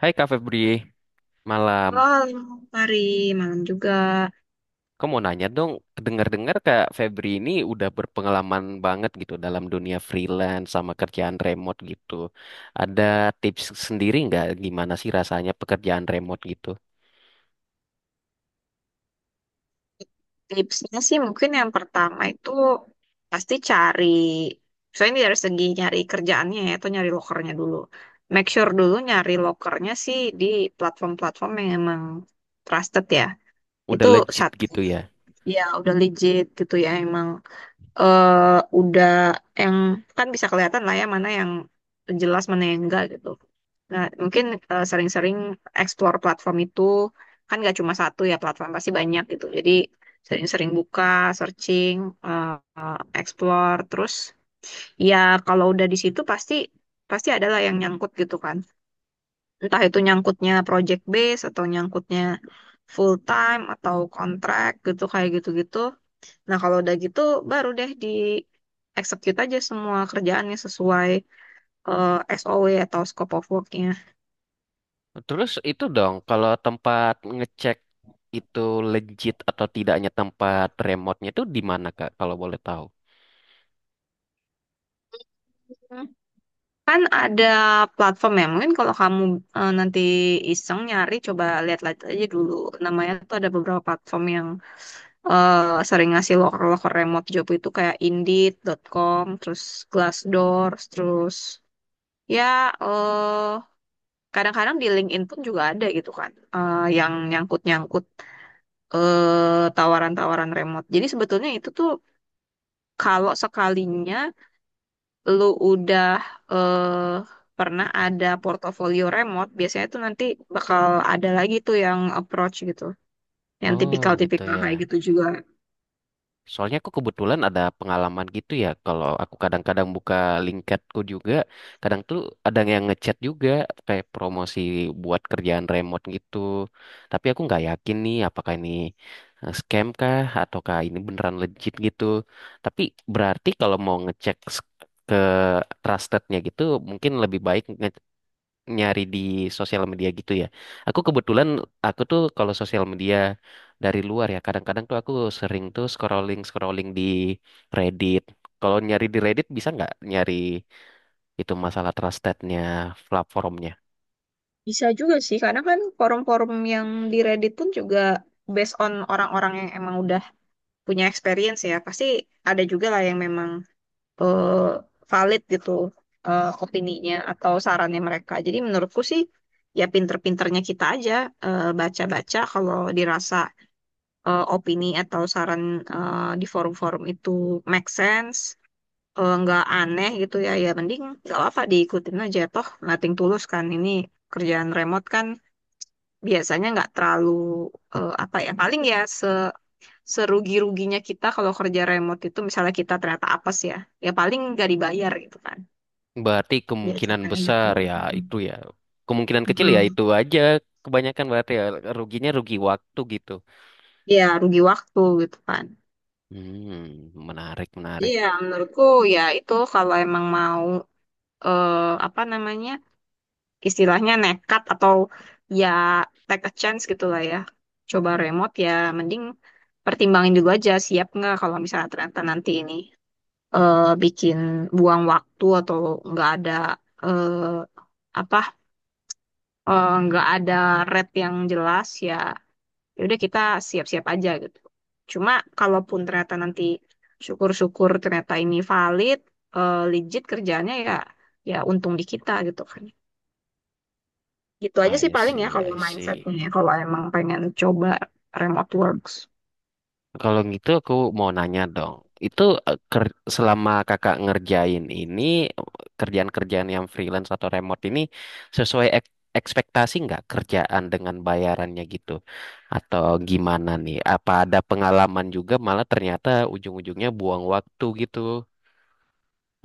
Hai Kak Febri, malam. Halo, Fari. Malam juga. Kamu mau nanya dong, dengar-dengar Kak Febri ini udah berpengalaman banget gitu dalam dunia freelance sama kerjaan remote gitu. Ada tips sendiri nggak gimana sih rasanya pekerjaan remote gitu? Tipsnya sih mungkin yang pertama itu pasti cari, soalnya ini dari segi nyari kerjaannya ya, atau nyari lokernya dulu. Make sure dulu nyari lokernya sih di platform-platform yang emang trusted ya. Itu Udah legit satu, gitu ya. ya udah legit gitu ya, emang udah yang kan bisa kelihatan lah ya mana yang jelas mana yang enggak gitu. Nah, mungkin sering-sering explore platform itu kan nggak cuma satu ya platform pasti banyak gitu. Jadi sering-sering buka, searching, eh, eh, explore, terus ya kalau udah di situ pasti pasti adalah yang nyangkut gitu kan. Entah itu nyangkutnya project base atau nyangkutnya full time atau kontrak gitu kayak gitu-gitu. Nah, kalau udah gitu baru deh di execute aja semua kerjaannya sesuai SOW atau scope of work-nya. Terus itu dong, kalau tempat ngecek itu legit atau tidaknya tempat remote-nya itu di mana Kak, kalau boleh tahu? Kan ada platform ya, mungkin kalau kamu nanti iseng nyari, coba lihat-lihat aja dulu. Namanya tuh ada beberapa platform yang sering ngasih loker-loker remote job itu kayak Indeed.com, terus Glassdoor, terus ya eh kadang-kadang di LinkedIn pun juga ada gitu kan, yang nyangkut-nyangkut tawaran-tawaran remote. Jadi sebetulnya itu tuh kalau sekalinya lu udah eh, pernah ada portofolio remote, biasanya tuh nanti bakal ada lagi tuh yang approach gitu. Yang Oh gitu tipikal-tipikal ya. kayak gitu juga. Soalnya aku kebetulan ada pengalaman gitu ya, kalau aku kadang-kadang buka LinkedInku juga, kadang tuh ada yang ngechat juga kayak promosi buat kerjaan remote gitu. Tapi aku nggak yakin nih apakah ini scam kah ataukah ini beneran legit gitu. Tapi berarti kalau mau ngecek ke trustednya gitu, mungkin lebih baik nyari di sosial media gitu ya. Aku kebetulan, aku tuh kalau sosial media dari luar ya, kadang-kadang tuh aku sering tuh scrolling scrolling di Reddit. Kalau nyari di Reddit bisa nggak nyari itu masalah trustednya platformnya? Bisa juga sih, karena kan forum-forum yang di Reddit pun juga based on orang-orang yang emang udah punya experience ya. Pasti ada juga lah yang memang eh, valid gitu opininya atau sarannya mereka. Jadi menurutku sih ya pinter-pinternya kita aja baca-baca kalau dirasa opini atau saran di forum-forum itu make sense, nggak aneh gitu ya, ya mending nggak apa-apa diikutin aja toh nothing tulus kan ini kerjaan remote kan biasanya nggak terlalu apa ya paling ya serugi-ruginya kita kalau kerja remote itu misalnya kita ternyata apes ya, ya paling nggak dibayar gitu kan, Berarti ya kemungkinan contohnya gitu. besar ya itu ya. Kemungkinan kecil ya Mm-mm. itu aja. Kebanyakan berarti ya ruginya rugi waktu gitu. Ya rugi waktu gitu kan. Hmm, menarik menarik. Iya, menurutku ya itu kalau emang mau eh, apa namanya istilahnya nekat atau ya take a chance gitu lah ya. Coba remote ya mending pertimbangin dulu aja siap nggak kalau misalnya ternyata nanti ini bikin buang waktu atau nggak ada eh, apa nggak ada red yang jelas ya ya udah kita siap-siap aja gitu. Cuma kalaupun ternyata nanti syukur-syukur ternyata ini valid legit kerjaannya ya ya untung di kita gitu kan. Gitu aja sih I paling ya see, kalau I mindsetnya see. ya, kalau emang pengen coba remote works. Kalau gitu aku mau nanya dong. Itu selama kakak ngerjain ini kerjaan-kerjaan yang freelance atau remote ini sesuai ekspektasi nggak kerjaan dengan bayarannya gitu? Atau gimana nih? Apa ada pengalaman juga malah ternyata ujung-ujungnya buang waktu gitu?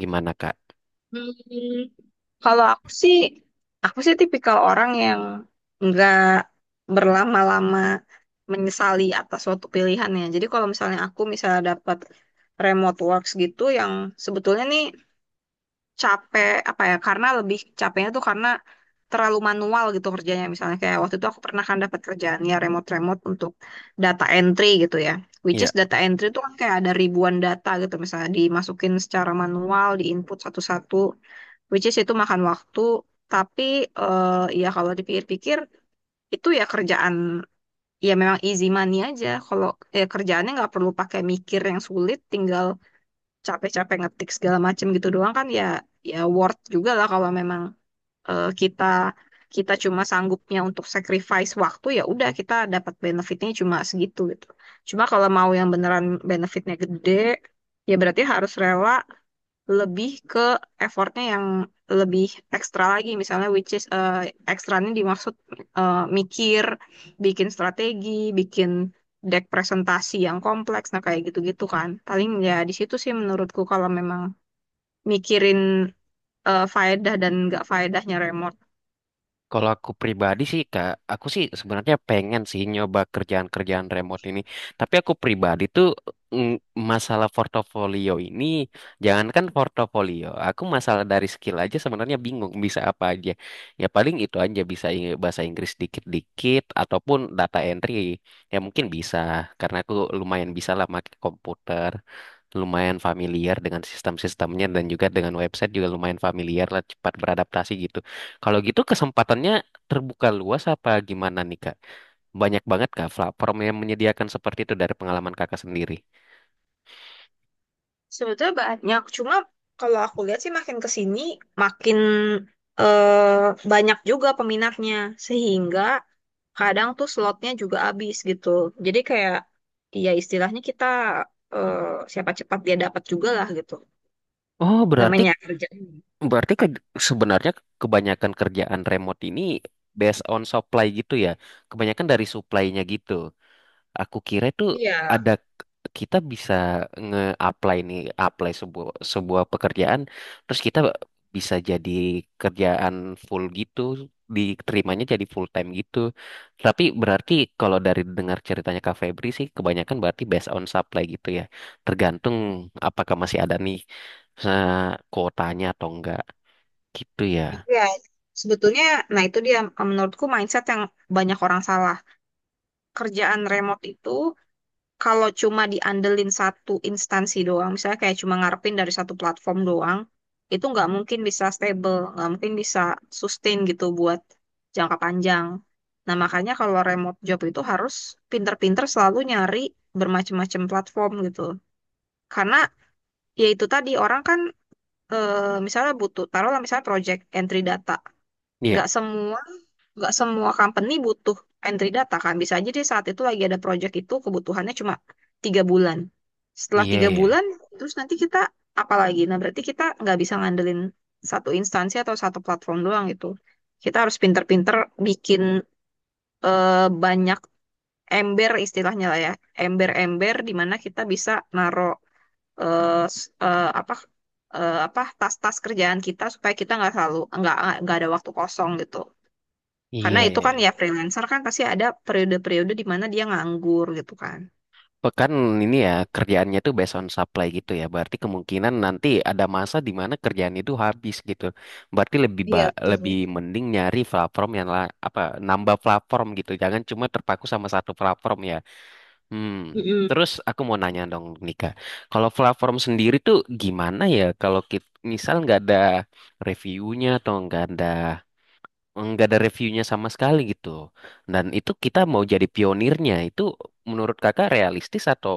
Gimana Kak? Hmm, Kalau aku sih tipikal orang yang nggak berlama-lama menyesali atas suatu pilihan ya. Jadi kalau misalnya aku misalnya dapat remote works gitu yang sebetulnya nih capek apa ya karena lebih capeknya tuh karena terlalu manual gitu kerjanya misalnya kayak waktu itu aku pernah kan dapat kerjaan ya remote-remote untuk data entry gitu ya which is data entry itu kan kayak ada ribuan data gitu misalnya dimasukin secara manual diinput satu-satu which is itu makan waktu tapi ya kalau dipikir-pikir itu ya kerjaan ya memang easy money aja kalau ya kerjaannya nggak perlu pakai mikir yang sulit tinggal capek-capek ngetik segala macem gitu doang kan ya ya worth juga lah kalau memang kita kita cuma sanggupnya untuk sacrifice waktu ya udah kita dapat benefitnya cuma segitu gitu. Cuma kalau mau yang beneran benefitnya gede ya berarti harus rela lebih ke effortnya yang lebih ekstra lagi misalnya which is ekstranya dimaksud mikir bikin strategi bikin deck presentasi yang kompleks nah kayak gitu-gitu kan paling ya di situ sih menurutku kalau memang mikirin faedah dan nggak faedahnya remor. Kalau aku pribadi sih Kak, aku sih sebenarnya pengen sih nyoba kerjaan-kerjaan remote ini. Tapi aku pribadi tuh mm, masalah portofolio ini, jangankan portofolio, aku masalah dari skill aja sebenarnya bingung bisa apa aja. Ya paling itu aja bisa bahasa Inggris dikit-dikit ataupun data entry. Ya mungkin bisa karena aku lumayan bisa lah pakai komputer. Lumayan familiar dengan sistem-sistemnya dan juga dengan website juga lumayan familiar lah cepat beradaptasi gitu. Kalau gitu kesempatannya terbuka luas apa gimana nih Kak? Banyak banget Kak platform yang menyediakan seperti itu dari pengalaman Kakak sendiri. Sebetulnya banyak, cuma kalau aku lihat sih makin ke sini makin banyak juga peminatnya, sehingga kadang tuh slotnya juga habis gitu. Jadi kayak ya istilahnya kita eh, siapa cepat dia dapat juga lah gitu. Oh, berarti Namanya kerja. berarti ke- sebenarnya kebanyakan kerjaan remote ini based on supply gitu ya. Kebanyakan dari supply-nya gitu. Aku kira itu ada Iya. kita bisa nge-apply nih, apply sebuah sebuah pekerjaan, terus kita bisa jadi kerjaan full gitu, diterimanya jadi full time gitu. Tapi berarti kalau dari dengar ceritanya Kak Febri sih, kebanyakan berarti based on supply gitu ya. Tergantung apakah masih ada nih eh, kuotanya atau enggak gitu ya. Iya. Sebetulnya, nah itu dia menurutku mindset yang banyak orang salah. Kerjaan remote itu kalau cuma diandelin satu instansi doang, misalnya kayak cuma ngarepin dari satu platform doang, itu nggak mungkin bisa stable, nggak mungkin bisa sustain gitu buat jangka panjang. Nah, makanya kalau remote job itu harus pinter-pinter selalu nyari bermacam-macam platform gitu. Karena ya itu tadi orang kan eh, misalnya butuh, taruhlah misalnya project entry data. Iya, Nggak semua nggak semua company butuh entry data kan. Bisa aja dia saat itu lagi ada project itu kebutuhannya cuma tiga bulan. Setelah iya, tiga iya, bulan, terus nanti kita apa lagi? Nah, berarti kita nggak bisa ngandelin satu instansi atau satu platform doang gitu. Kita harus pinter-pinter bikin banyak ember istilahnya lah ya. Ember-ember di mana kita bisa naro eh, s- eh, apa apa tas-tas kerjaan kita supaya kita nggak selalu nggak ada waktu kosong gitu. Karena iya, itu iya, kan iya. ya freelancer kan pasti ada periode-periode di mana dia nganggur gitu kan. Pekan ini ya kerjaannya tuh based on supply gitu ya. Berarti kemungkinan nanti ada masa di mana kerjaan itu habis gitu. Berarti Iya, lebih betul. mending nyari platform apa nambah platform gitu. Jangan cuma terpaku sama satu platform ya. Hmm. Mm-mm. Terus aku mau nanya dong Nika, kalau platform sendiri tuh gimana ya kalau kita misal nggak ada reviewnya atau nggak ada reviewnya sama sekali gitu. Dan itu kita mau jadi pionirnya itu menurut kakak realistis atau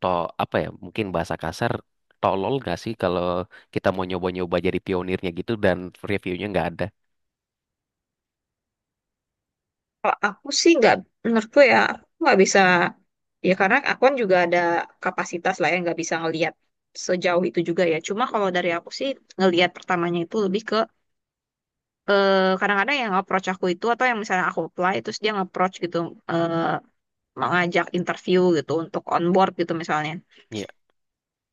to apa ya mungkin bahasa kasar tolol gak sih kalau kita mau nyoba-nyoba jadi pionirnya gitu dan reviewnya nggak ada Kalau aku sih nggak, menurutku ya aku nggak bisa ya karena aku kan juga ada kapasitas lah yang nggak bisa ngelihat sejauh itu juga ya. Cuma kalau dari aku sih ngelihat pertamanya itu lebih ke kadang-kadang yang approach aku itu atau yang misalnya aku apply terus dia nge-approach gitu eh, mengajak interview gitu untuk on board gitu misalnya. ya.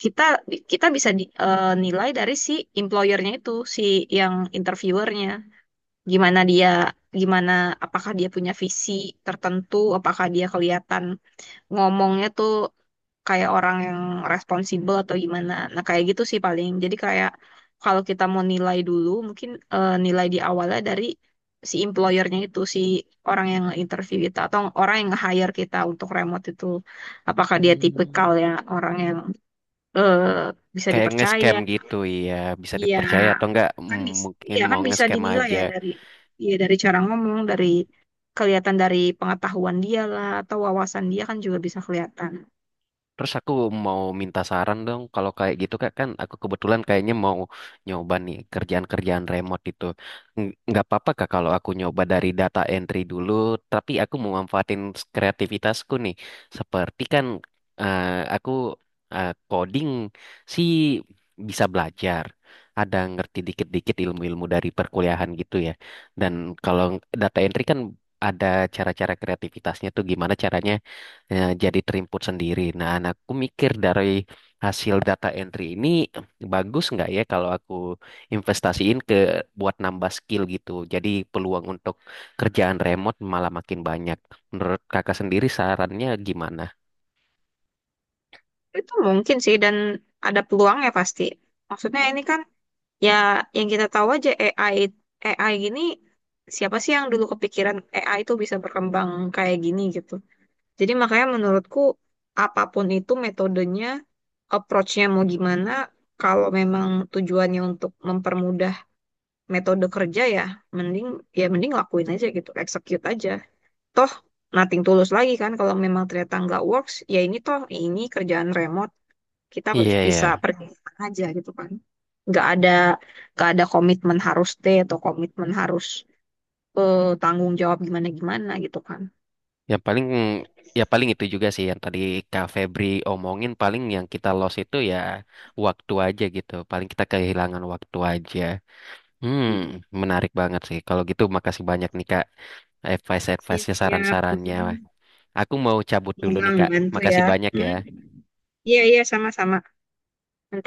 Kita kita bisa nilai dari si employernya itu si yang interviewernya gimana dia gimana, apakah dia punya visi tertentu, apakah dia kelihatan ngomongnya tuh kayak orang yang responsibel atau gimana. Nah kayak gitu sih paling, jadi kayak kalau kita mau nilai dulu mungkin nilai di awalnya dari si employernya itu, si orang yang interview kita atau orang yang nge-hire kita untuk remote itu, apakah dia Hmm. tipikal ya orang yang eh, bisa Kayak nge-scam dipercaya. gitu ya, bisa Iya, dipercaya atau enggak, mungkin iya kan mau bisa nge-scam dinilai aja. ya dari iya dari cara ngomong, dari kelihatan dari pengetahuan dia lah atau wawasan dia kan juga bisa kelihatan. Terus aku mau minta saran dong, kalau kayak gitu kak kan aku kebetulan kayaknya mau nyoba nih kerjaan-kerjaan remote itu. Nggak apa-apa kak kalau aku nyoba dari data entry dulu, tapi aku mau manfaatin kreativitasku nih. Seperti kan eh, aku coding sih bisa belajar, ada ngerti dikit-dikit ilmu-ilmu dari perkuliahan gitu ya. Dan kalau data entry kan ada cara-cara kreativitasnya tuh gimana caranya jadi terimput sendiri. Nah, anakku mikir dari hasil data entry ini bagus nggak ya kalau aku investasiin ke buat nambah skill gitu. Jadi peluang untuk kerjaan remote malah makin banyak. Menurut kakak sendiri sarannya gimana? Itu mungkin sih dan ada peluangnya pasti. Maksudnya ini kan ya yang kita tahu aja AI AI gini siapa sih yang dulu kepikiran AI itu bisa berkembang kayak gini gitu. Jadi makanya menurutku apapun itu metodenya, approach-nya mau gimana, kalau memang tujuannya untuk mempermudah metode kerja mending ya mending lakuin aja gitu, execute aja. Toh nothing tulus lagi kan kalau memang ternyata nggak works, ya ini toh ini kerjaan remote, kita Iya ya, bisa pergi kemana aja gitu kan. Nggak ada nggak ada komitmen harus T atau komitmen harus tanggung jawab gimana-gimana gitu kan. yang paling ya paling itu juga sih yang tadi Kak Febri omongin paling yang kita lost itu ya waktu aja gitu. Paling kita kehilangan waktu aja. Hmm, menarik banget sih. Kalau gitu makasih banyak nih Kak. Advice-advice-nya, Siap-siap. saran-sarannya. Aku mau cabut dulu nih, Memang Kak. bantu Makasih ya. banyak ya. Hmm. Iya, iya, sama-sama. Nanti